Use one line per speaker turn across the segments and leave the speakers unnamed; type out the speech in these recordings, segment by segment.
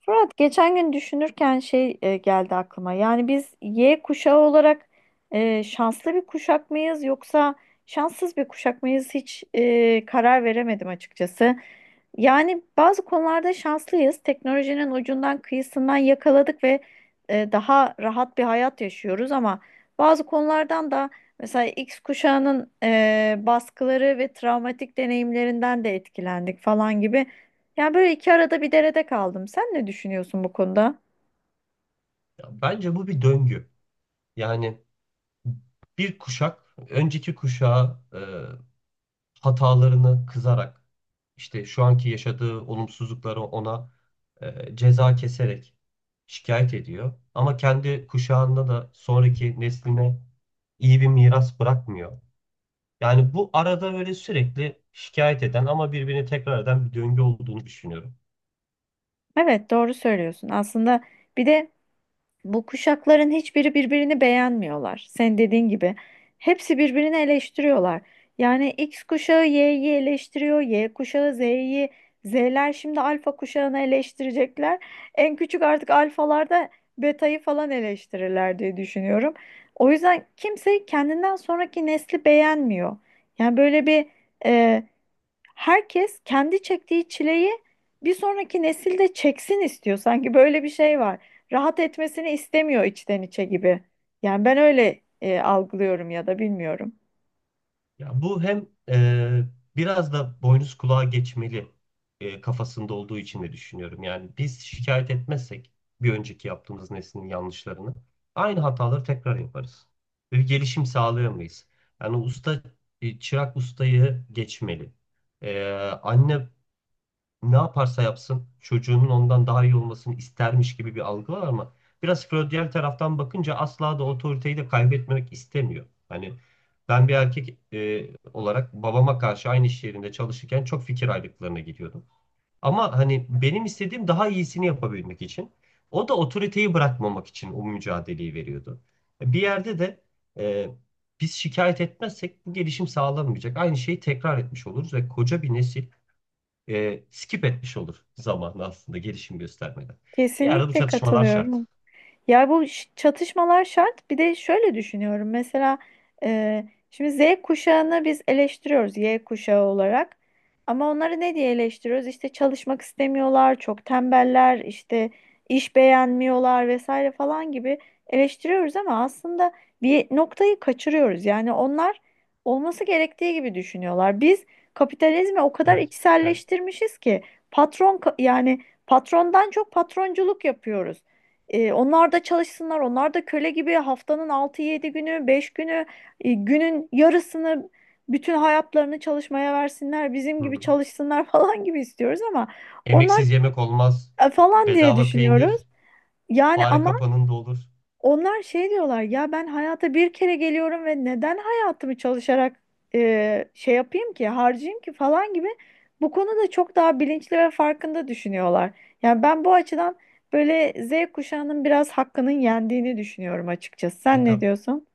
Fırat geçen gün düşünürken geldi aklıma. Yani biz Y kuşağı olarak şanslı bir kuşak mıyız yoksa şanssız bir kuşak mıyız hiç karar veremedim açıkçası. Yani bazı konularda şanslıyız. Teknolojinin ucundan kıyısından yakaladık ve daha rahat bir hayat yaşıyoruz ama bazı konulardan da mesela X kuşağının baskıları ve travmatik deneyimlerinden de etkilendik falan gibi. Yani böyle iki arada bir derede kaldım. Sen ne düşünüyorsun bu konuda?
Bence bu bir döngü. Yani bir kuşak önceki kuşağa hatalarını kızarak işte şu anki yaşadığı olumsuzlukları ona ceza keserek şikayet ediyor. Ama kendi kuşağında da sonraki nesline iyi bir miras bırakmıyor. Yani bu arada böyle sürekli şikayet eden ama birbirini tekrar eden bir döngü olduğunu düşünüyorum.
Evet, doğru söylüyorsun. Aslında bir de bu kuşakların hiçbiri birbirini beğenmiyorlar. Sen dediğin gibi hepsi birbirini eleştiriyorlar. Yani X kuşağı Y'yi eleştiriyor, Y kuşağı Z'yi, Z'ler şimdi alfa kuşağını eleştirecekler. En küçük artık alfalarda betayı falan eleştirirler diye düşünüyorum. O yüzden kimse kendinden sonraki nesli beğenmiyor. Yani böyle bir herkes kendi çektiği çileyi bir sonraki nesil de çeksin istiyor. Sanki böyle bir şey var. Rahat etmesini istemiyor içten içe gibi. Yani ben öyle algılıyorum ya da bilmiyorum.
Ya bu hem biraz da boynuz kulağa geçmeli kafasında olduğu için de düşünüyorum. Yani biz şikayet etmezsek bir önceki yaptığımız neslin yanlışlarını aynı hataları tekrar yaparız. Ve bir gelişim sağlayamayız. Yani usta çırak ustayı geçmeli. E, anne ne yaparsa yapsın çocuğunun ondan daha iyi olmasını istermiş gibi bir algı var ama biraz Freudian taraftan bakınca asla da otoriteyi de kaybetmemek istemiyor. Hani ben bir erkek olarak babama karşı aynı iş yerinde çalışırken çok fikir ayrılıklarına gidiyordum. Ama hani benim istediğim daha iyisini yapabilmek için o da otoriteyi bırakmamak için o mücadeleyi veriyordu. Bir yerde de e, biz şikayet etmezsek bu gelişim sağlanmayacak. Aynı şeyi tekrar etmiş oluruz ve koca bir nesil skip etmiş olur zamanı aslında gelişim göstermeden. Bir arada bu
Kesinlikle
çatışmalar şart.
katılıyorum. Ya bu çatışmalar şart. Bir de şöyle düşünüyorum. Mesela e, şimdi Z kuşağını biz eleştiriyoruz Y kuşağı olarak. Ama onları ne diye eleştiriyoruz? İşte çalışmak istemiyorlar, çok tembeller, işte iş beğenmiyorlar vesaire falan gibi eleştiriyoruz ama aslında bir noktayı kaçırıyoruz. Yani onlar olması gerektiği gibi düşünüyorlar. Biz kapitalizmi o kadar
Evet, evet.
içselleştirmişiz ki yani patrondan çok patronculuk yapıyoruz. E, onlar da çalışsınlar. Onlar da köle gibi haftanın altı yedi günü, 5 günü, günün yarısını bütün hayatlarını çalışmaya versinler. Bizim
Hı
gibi
hı.
çalışsınlar falan gibi istiyoruz ama onlar
Emeksiz yemek olmaz.
falan diye
Bedava
düşünüyoruz.
peynir,
Yani
fare
ama
kapanında olur.
onlar şey diyorlar ya ben hayata bir kere geliyorum ve neden hayatımı çalışarak yapayım ki harcayayım ki falan gibi bu konuda çok daha bilinçli ve farkında düşünüyorlar. Yani ben bu açıdan böyle Z kuşağının biraz hakkının yendiğini düşünüyorum açıkçası.
E
Sen ne
tabi.
diyorsun?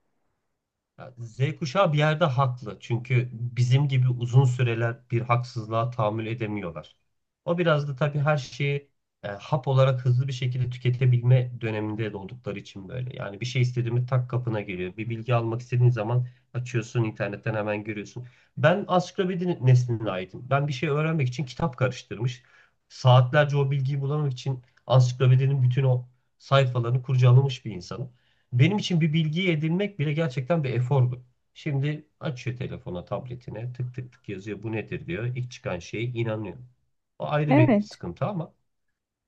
Ya Z kuşağı bir yerde haklı. Çünkü bizim gibi uzun süreler bir haksızlığa tahammül edemiyorlar. O biraz da tabii her şeyi hap olarak hızlı bir şekilde tüketebilme döneminde de oldukları için böyle. Yani bir şey istediğimi tak kapına geliyor. Bir bilgi almak istediğin zaman açıyorsun internetten hemen görüyorsun. Ben ansiklopedi nesline aitim. Ben bir şey öğrenmek için kitap karıştırmış. Saatlerce o bilgiyi bulamak için ansiklopedinin bütün o sayfalarını kurcalamış bir insanım. Benim için bir bilgiyi edinmek bile gerçekten bir efordu. Şimdi açıyor telefona, tabletine, tık tık tık yazıyor. Bu nedir diyor. İlk çıkan şeye inanıyor. O ayrı bir
Evet.
sıkıntı ama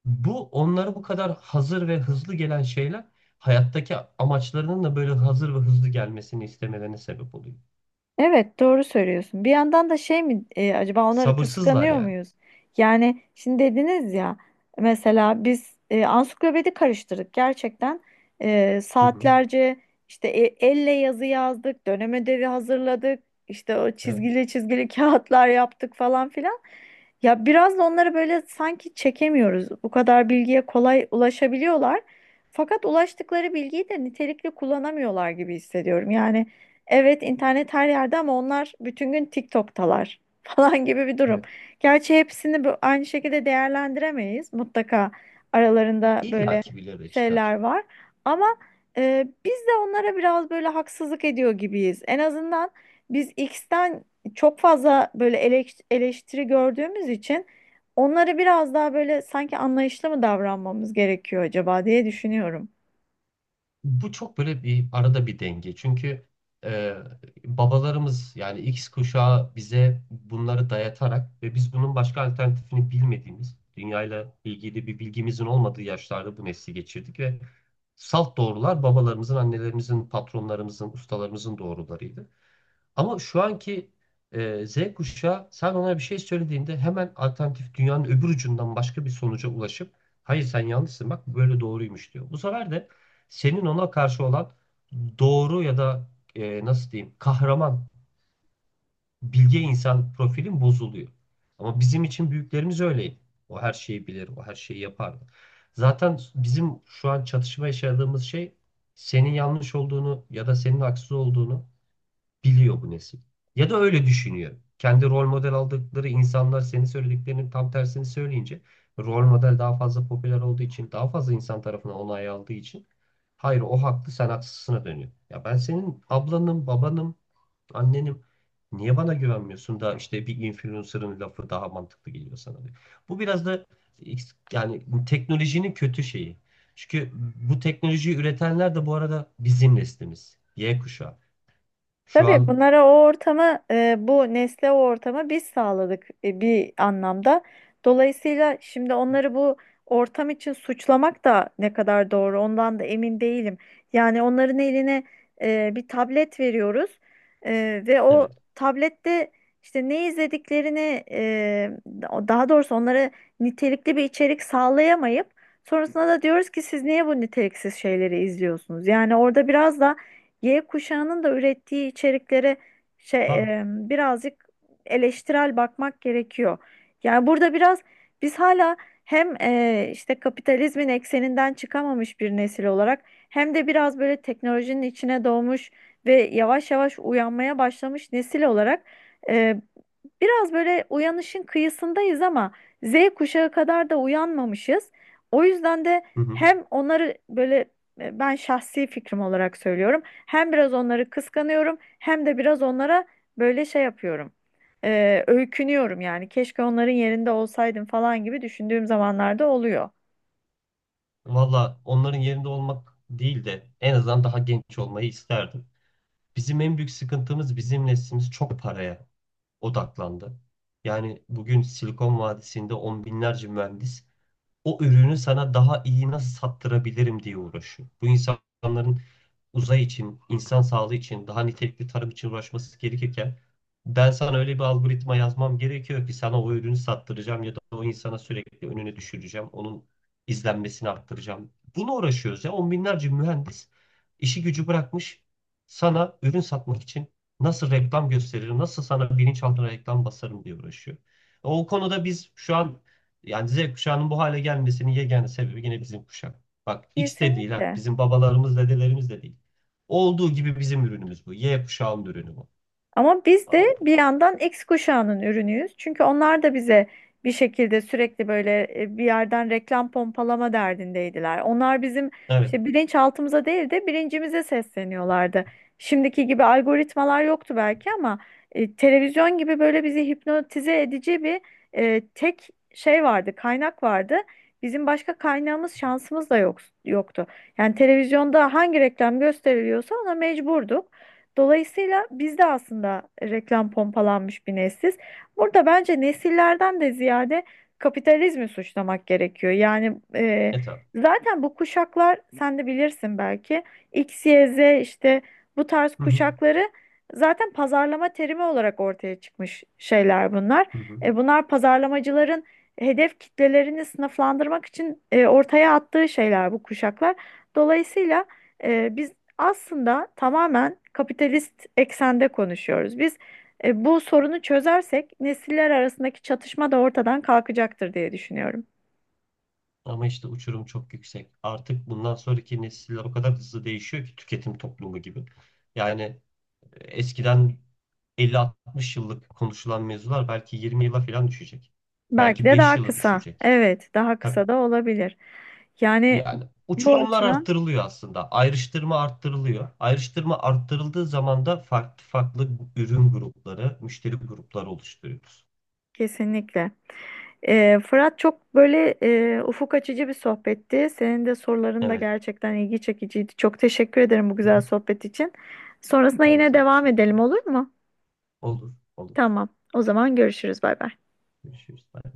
bu onlara bu kadar hazır ve hızlı gelen şeyler hayattaki amaçlarının da böyle hazır ve hızlı gelmesini istemelerine sebep oluyor.
Evet, doğru söylüyorsun. Bir yandan da şey mi acaba onları
Sabırsızlar
kıskanıyor
yani.
muyuz? Yani şimdi dediniz ya mesela biz ansiklopedi karıştırdık gerçekten. E,
Hı hı.
saatlerce işte elle yazı yazdık, dönem ödevi hazırladık, işte o
Evet,
çizgili çizgili kağıtlar yaptık falan filan. Ya biraz da onları böyle sanki çekemiyoruz. Bu kadar bilgiye kolay ulaşabiliyorlar. Fakat ulaştıkları bilgiyi de nitelikli kullanamıyorlar gibi hissediyorum. Yani evet, internet her yerde ama onlar bütün gün TikTok'talar falan gibi bir durum.
evet.
Gerçi hepsini aynı şekilde değerlendiremeyiz. Mutlaka aralarında
İlla
böyle
ki birileri çıkar.
şeyler var. Ama biz de onlara biraz böyle haksızlık ediyor gibiyiz. En azından biz X'ten çok fazla böyle eleştiri gördüğümüz için onlara biraz daha böyle sanki anlayışlı mı davranmamız gerekiyor acaba diye düşünüyorum.
Bu çok böyle bir arada bir denge. Çünkü e, babalarımız yani X kuşağı bize bunları dayatarak ve biz bunun başka alternatifini bilmediğimiz, dünyayla ilgili bir bilgimizin olmadığı yaşlarda bu nesli geçirdik ve salt doğrular babalarımızın, annelerimizin, patronlarımızın, ustalarımızın doğrularıydı. Ama şu anki Z kuşağı sen ona bir şey söylediğinde hemen alternatif dünyanın öbür ucundan başka bir sonuca ulaşıp hayır sen yanlışsın bak böyle doğruymuş diyor. Bu sefer de senin ona karşı olan doğru ya da nasıl diyeyim kahraman bilge insan profilin bozuluyor. Ama bizim için büyüklerimiz öyleydi. O her şeyi bilir, o her şeyi yapardı. Zaten bizim şu an çatışma yaşadığımız şey senin yanlış olduğunu ya da senin haksız olduğunu biliyor bu nesil. Ya da öyle düşünüyor. Kendi rol model aldıkları insanlar senin söylediklerinin tam tersini söyleyince rol model daha fazla popüler olduğu için daha fazla insan tarafından onay aldığı için hayır o haklı sen haksızsına dönüyor. Ya ben senin ablanım, babanım, annenim niye bana güvenmiyorsun da işte bir influencer'ın lafı daha mantıklı geliyor sana diyor. Bu biraz da yani teknolojinin kötü şeyi. Çünkü bu teknolojiyi üretenler de bu arada bizim neslimiz. Y kuşağı. Şu
Tabii
an
bunlara o ortamı, bu nesle o ortamı biz sağladık bir anlamda. Dolayısıyla şimdi onları bu ortam için suçlamak da ne kadar doğru ondan da emin değilim. Yani onların eline bir tablet veriyoruz ve o
evet.
tablette işte ne izlediklerini, daha doğrusu onlara nitelikli bir içerik sağlayamayıp sonrasında da diyoruz ki siz niye bu niteliksiz şeyleri izliyorsunuz? Yani orada biraz da Y kuşağının da ürettiği içeriklere
Tabii.
birazcık eleştirel bakmak gerekiyor. Yani burada biraz biz hala hem işte kapitalizmin ekseninden çıkamamış bir nesil olarak hem de biraz böyle teknolojinin içine doğmuş ve yavaş yavaş uyanmaya başlamış nesil olarak e, biraz böyle uyanışın kıyısındayız ama Z kuşağı kadar da uyanmamışız. O yüzden de
Hı hı.
hem onları böyle ben şahsi fikrim olarak söylüyorum. Hem biraz onları kıskanıyorum hem de biraz onlara böyle şey yapıyorum. E, öykünüyorum yani. Keşke onların yerinde olsaydım falan gibi düşündüğüm zamanlarda oluyor.
Valla onların yerinde olmak değil de en azından daha genç olmayı isterdim. Bizim en büyük sıkıntımız bizim neslimiz çok paraya odaklandı. Yani bugün Silikon Vadisi'nde on binlerce mühendis o ürünü sana daha iyi nasıl sattırabilirim diye uğraşıyor. Bu insanların uzay için, insan sağlığı için, daha nitelikli tarım için uğraşması gerekirken ben sana öyle bir algoritma yazmam gerekiyor ki sana o ürünü sattıracağım ya da o insana sürekli önüne düşüreceğim, onun izlenmesini arttıracağım. Bunu uğraşıyoruz ya. On binlerce mühendis işi gücü bırakmış sana ürün satmak için nasıl reklam gösteririm, nasıl sana bilinçaltına reklam basarım diye uğraşıyor. O konuda biz şu an yani Z kuşağının bu hale gelmesinin yegane sebebi yine bizim kuşak. Bak X de değil ha.
Kesinlikle.
Bizim babalarımız, dedelerimiz de değil. Olduğu gibi bizim ürünümüz bu. Y kuşağının ürünü bu.
Ama biz de
Aldım.
bir yandan X kuşağının ürünüyüz. Çünkü onlar da bize bir şekilde sürekli böyle bir yerden reklam pompalama derdindeydiler. Onlar bizim
Evet.
işte bilinçaltımıza değil de bilincimize sesleniyorlardı. Şimdiki gibi algoritmalar yoktu belki ama televizyon gibi böyle bizi hipnotize edici bir tek şey vardı, kaynak vardı. Bizim başka kaynağımız, şansımız da yok, yoktu. Yani televizyonda hangi reklam gösteriliyorsa ona mecburduk. Dolayısıyla biz de aslında reklam pompalanmış bir nesiliz. Burada bence nesillerden de ziyade kapitalizmi suçlamak gerekiyor. Yani
Evet abi.
zaten bu kuşaklar sen de bilirsin belki X, Y, Z işte bu tarz
Hı hı.
kuşakları zaten pazarlama terimi olarak ortaya çıkmış şeyler bunlar.
Hı hı.
E, bunlar pazarlamacıların hedef kitlelerini sınıflandırmak için ortaya attığı şeyler bu kuşaklar. Dolayısıyla... biz aslında tamamen kapitalist eksende konuşuyoruz. Biz bu sorunu çözersek nesiller arasındaki çatışma da ortadan kalkacaktır diye düşünüyorum.
Ama işte uçurum çok yüksek. Artık bundan sonraki nesiller o kadar hızlı değişiyor ki tüketim toplumu gibi. Yani eskiden 50-60 yıllık konuşulan mevzular belki 20 yıla falan düşecek.
Belki
Belki
de
5
daha
yıla
kısa.
düşecek.
Evet, daha
Tabii.
kısa da olabilir. Yani
Yani
bu
uçurumlar
açıdan
arttırılıyor aslında. Ayrıştırma arttırılıyor. Ayrıştırma arttırıldığı zaman da farklı farklı ürün grupları, müşteri grupları oluşturuyoruz.
kesinlikle. E, Fırat çok böyle ufuk açıcı bir sohbetti. Senin de soruların da
Evet.
gerçekten ilgi çekiciydi. Çok teşekkür ederim bu
Hı
güzel
hı.
sohbet için. Sonrasında
Ben de
yine
sana
devam
teşekkür
edelim
ederim.
olur mu?
Olur, olur.
Tamam. O zaman görüşürüz. Bay bay.
Görüşürüz. Bye.